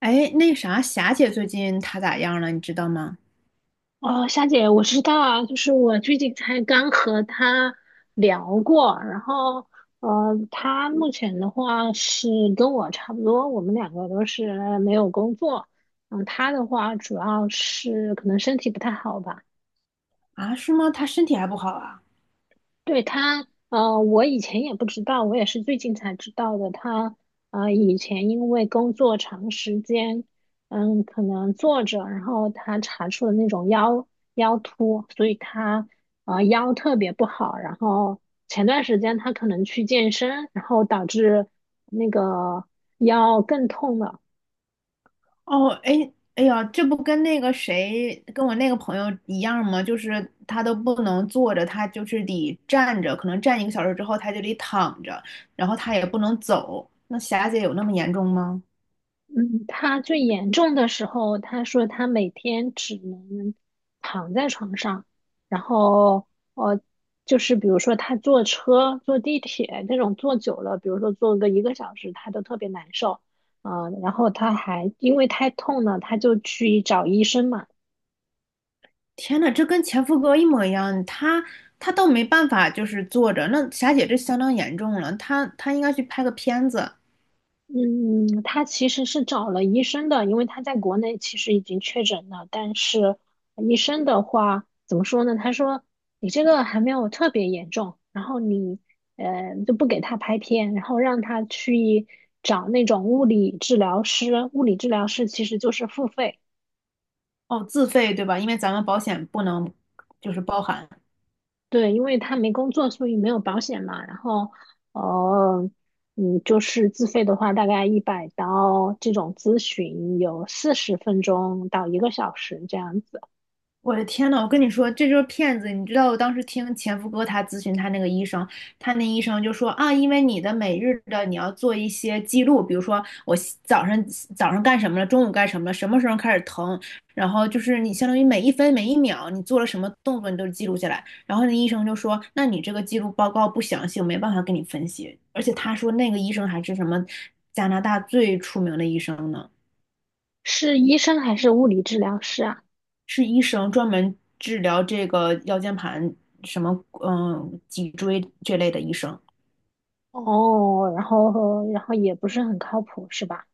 哎，那啥，霞姐最近她咋样了？你知道吗？哦，夏姐，我知道，啊，就是我最近才刚和他聊过，然后他目前的话是跟我差不多，我们两个都是没有工作，他的话主要是可能身体不太好吧。啊，是吗？她身体还不好啊？对他，我以前也不知道，我也是最近才知道的。他，以前因为工作长时间，可能坐着，然后他查出了那种腰突，所以他，腰特别不好。然后前段时间他可能去健身，然后导致那个腰更痛了。哦，哎，哎呀，这不跟那个谁，跟我那个朋友一样吗？就是她都不能坐着，她就是得站着，可能站一个小时之后，她就得躺着，然后她也不能走。那霞姐有那么严重吗？嗯，他最严重的时候，他说他每天只能躺在床上，然后呃，就是比如说他坐车、坐地铁那种坐久了，比如说坐个一个小时，他都特别难受啊、然后他还因为太痛了，他就去找医生嘛。天呐，这跟前夫哥一模一样，她都没办法，就是坐着。那霞姐这相当严重了，她应该去拍个片子。嗯，他其实是找了医生的，因为他在国内其实已经确诊了，但是医生的话怎么说呢？他说你这个还没有特别严重，然后你就不给他拍片，然后让他去找那种物理治疗师，物理治疗师其实就是付费，哦，自费对吧？因为咱们保险不能就是包含。对，因为他没工作，所以没有保险嘛。然后，呃，就是自费的话，大概100刀这种咨询有40分钟到一个小时这样子。我的天呐，我跟你说，这就是骗子！你知道我当时听前夫哥他咨询他那个医生，他那医生就说啊，因为你的每日的你要做一些记录，比如说我西早上早上干什么了，中午干什么了，什么时候开始疼，然后就是你相当于每一分每一秒你做了什么动作，你都记录下来。然后那医生就说，那你这个记录报告不详细，我没办法给你分析。而且他说那个医生还是什么加拿大最出名的医生呢。是医生还是物理治疗师啊？是医生专门治疗这个腰间盘什么脊椎这类的医生。哦，然后也不是很靠谱，是吧？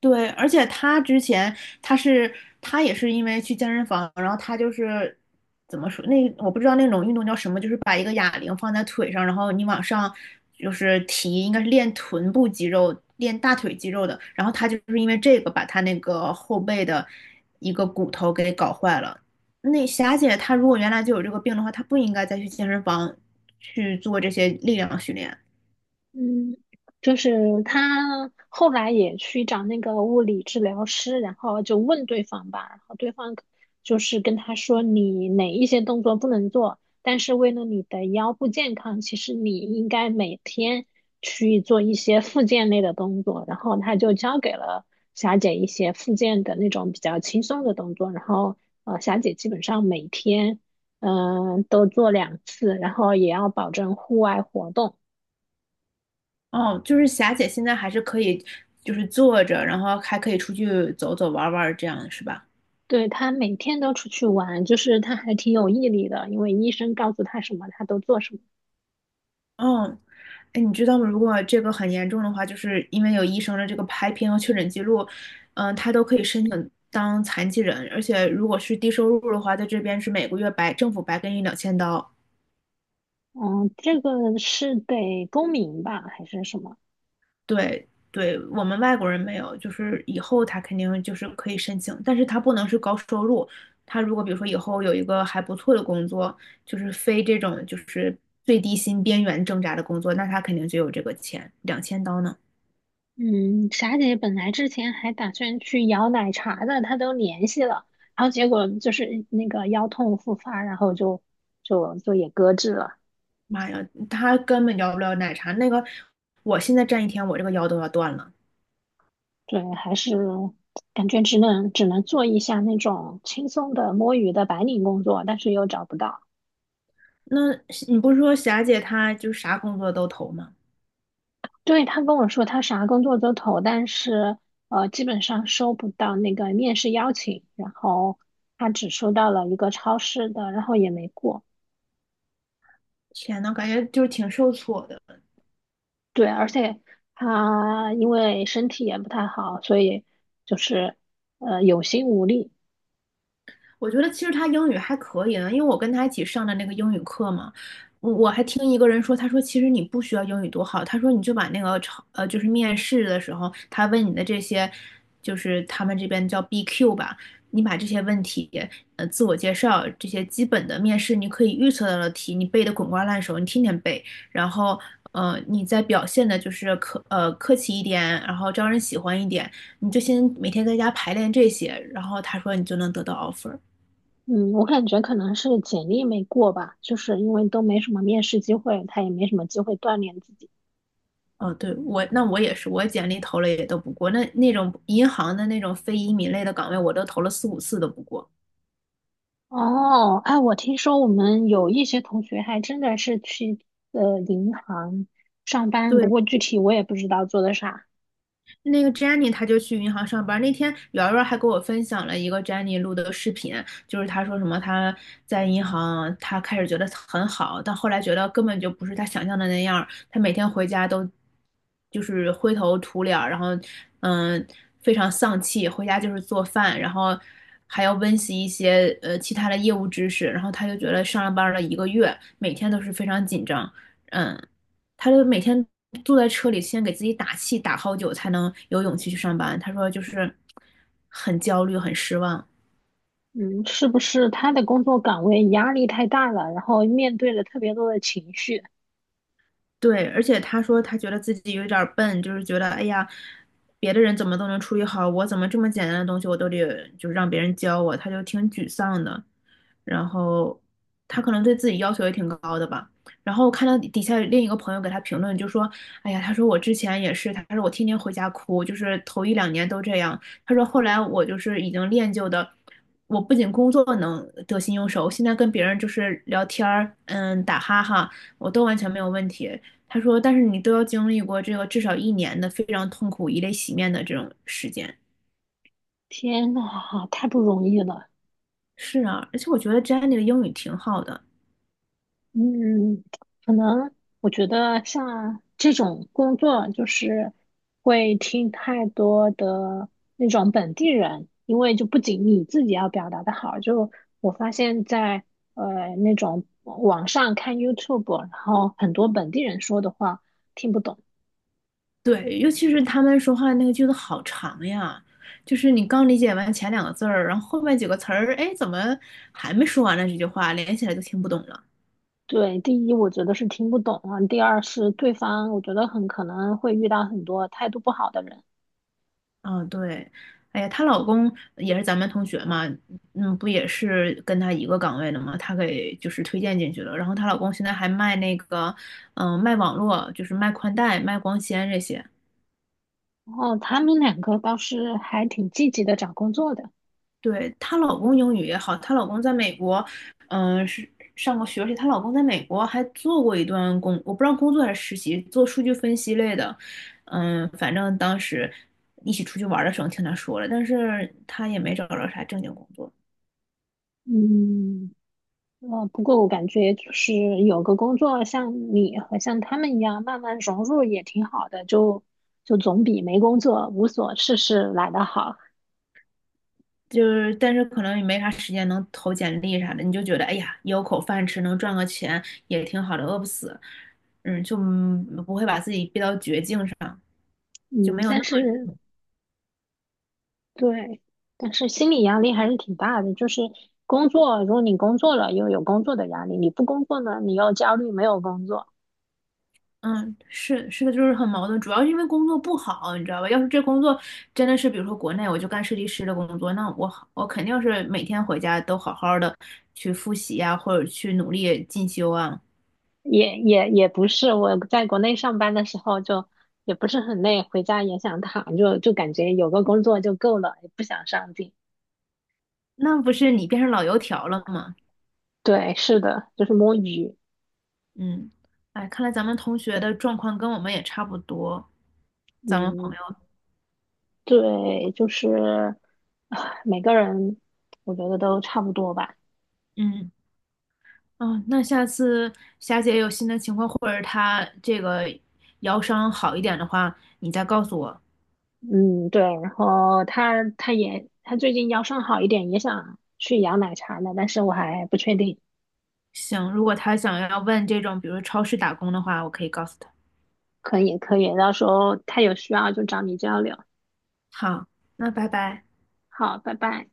对，而且他之前他是他也是因为去健身房，然后他就是怎么说那我不知道那种运动叫什么，就是把一个哑铃放在腿上，然后你往上就是提，应该是练臀部肌肉、练大腿肌肉的。然后他就是因为这个把他那个后背的一个骨头给搞坏了。那霞姐她如果原来就有这个病的话，她不应该再去健身房去做这些力量训练。嗯，就是他后来也去找那个物理治疗师，然后就问对方吧，然后对方就是跟他说你哪一些动作不能做，但是为了你的腰部健康，其实你应该每天去做一些复健类的动作，然后他就教给了霞姐一些复健的那种比较轻松的动作，然后霞姐基本上每天都做两次，然后也要保证户外活动。哦，就是霞姐现在还是可以，就是坐着，然后还可以出去走走玩玩，这样是吧？对，他每天都出去玩，就是他还挺有毅力的，因为医生告诉他什么，他都做什么。嗯，哎，你知道吗？如果这个很严重的话，就是因为有医生的这个拍片和确诊记录，他都可以申请当残疾人，而且如果是低收入的话，在这边是每个月白政府白给你两千刀。嗯，这个是得公民吧，还是什么？对对，我们外国人没有，就是以后他肯定就是可以申请，但是他不能是高收入。他如果比如说以后有一个还不错的工作，就是非这种就是最低薪边缘挣扎的工作，那他肯定就有这个钱，两千刀呢。嗯，霞姐本来之前还打算去摇奶茶的，她都联系了，然后结果就是那个腰痛复发，然后就也搁置了。妈呀，他根本要不了奶茶。那个，我现在站一天，我这个腰都要断了。对，还是感觉只能做一下那种轻松的摸鱼的白领工作，但是又找不到。那你不是说霞姐她就啥工作都投吗？对，他跟我说他啥工作都投，但是基本上收不到那个面试邀请，然后他只收到了一个超市的，然后也没过。天呐，感觉就是挺受挫的。对，而且他因为身体也不太好，所以就是有心无力。我觉得其实他英语还可以呢，因为我跟他一起上的那个英语课嘛，我还听一个人说，他说其实你不需要英语多好，他说你就把那个就是面试的时候他问你的这些，就是他们这边叫 BQ 吧，你把这些问题自我介绍这些基本的面试你可以预测到的题，你背得滚瓜烂熟，你天天背，然后你再表现的就是客气一点，然后招人喜欢一点，你就先每天在家排练这些，然后他说你就能得到 offer。嗯，我感觉可能是简历没过吧，就是因为都没什么面试机会，他也没什么机会锻炼自己。哦，对，那我也是，我简历投了也都不过，那种银行的那种非移民类的岗位，我都投了四五次都不过。哦，哎，我听说我们有一些同学还真的是去银行上班，不过对，具体我也不知道做的啥。那个 Jenny 她就去银行上班那天瑶瑶还给我分享了一个 Jenny 录的视频，就是她说什么她在银行，她开始觉得很好，但后来觉得根本就不是她想象的那样儿。她每天回家都就是灰头土脸儿然后嗯非常丧气，回家就是做饭，然后还要温习一些其他的业务知识。然后她就觉得上了班儿了一个月，每天都是非常紧张，嗯。他就每天坐在车里，先给自己打气，打好久才能有勇气去上班。他说就是很焦虑，很失望。嗯，是不是他的工作岗位压力太大了，然后面对了特别多的情绪？对，而且他说他觉得自己有点儿笨，就是觉得哎呀，别的人怎么都能处理好，我怎么这么简单的东西我都得就是让别人教我，他就挺沮丧的。然后他可能对自己要求也挺高的吧。然后看到底下另一个朋友给他评论，就说："哎呀，他说我之前也是，他说我天天回家哭，就是头一两年都这样。他说后来我就是已经练就的，我不仅工作能得心应手，现在跟别人就是聊天儿，嗯，打哈哈，我都完全没有问题。他说，但是你都要经历过这个至少一年的非常痛苦、以泪洗面的这种时间。天呐，太不容易了。是啊，而且我觉得 Jenny 的英语挺好的，嗯，可能我觉得像这种工作，就是会听太多的那种本地人，因为就不仅你自己要表达的好，就我发现在那种网上看 YouTube，然后很多本地人说的话听不懂。对，尤其是他们说话那个句子好长呀，就是你刚理解完前两个字儿，然后后面几个词儿，哎，怎么还没说完呢？这句话连起来就听不懂了。对，第一我觉得是听不懂啊，第二是对方我觉得很可能会遇到很多态度不好的人，哦，对，哎呀，她老公也是咱们同学嘛，嗯，不也是跟她一个岗位的嘛，她给就是推荐进去了。然后她老公现在还卖那个，嗯、卖网络，就是卖宽带、卖光纤这些。然后他们两个倒是还挺积极的找工作的，对，她老公英语也好，她老公在美国，嗯、是上过学，而且她老公在美国还做过一段工，我不知道工作还是实习，做数据分析类的。反正当时一起出去玩的时候听她说了，但是她也没找着啥正经工作。嗯。不过我感觉就是有个工作像你和像他们一样慢慢融入也挺好的，就总比没工作无所事事来得好。就是，但是可能也没啥时间能投简历啥的，你就觉得，哎呀，有口饭吃，能赚个钱也挺好的，饿不死，嗯，就不会把自己逼到绝境上，就没嗯，有那但么，是对，但是心理压力还是挺大的。就是工作，如果你工作了又有工作的压力，你不工作呢，你又焦虑没有工作。嗯，是是的，就是很矛盾，主要是因为工作不好，你知道吧？要是这工作真的是，比如说国内我就干设计师的工作，那我好我肯定是每天回家都好好的去复习呀、或者去努力进修啊，也不是，我在国内上班的时候就也不是很累，回家也想躺，就感觉有个工作就够了，也不想上进。那不是你变成老油条了吗？对，是的，就是摸鱼。嗯，哎，看来咱们同学的状况跟我们也差不多，咱们朋嗯，友，对，就是啊每个人我觉得都差不多吧。嗯，哦，那下次霞姐有新的情况，或者她这个腰伤好一点的话，你再告诉我。嗯，对。然后他最近腰伤好一点，也想去养奶茶呢，但是我还不确定。行，如果她想要问这种，比如超市打工的话，我可以告诉她。可以可以，到时候他有需要就找你交流。好，那拜拜。好，拜拜。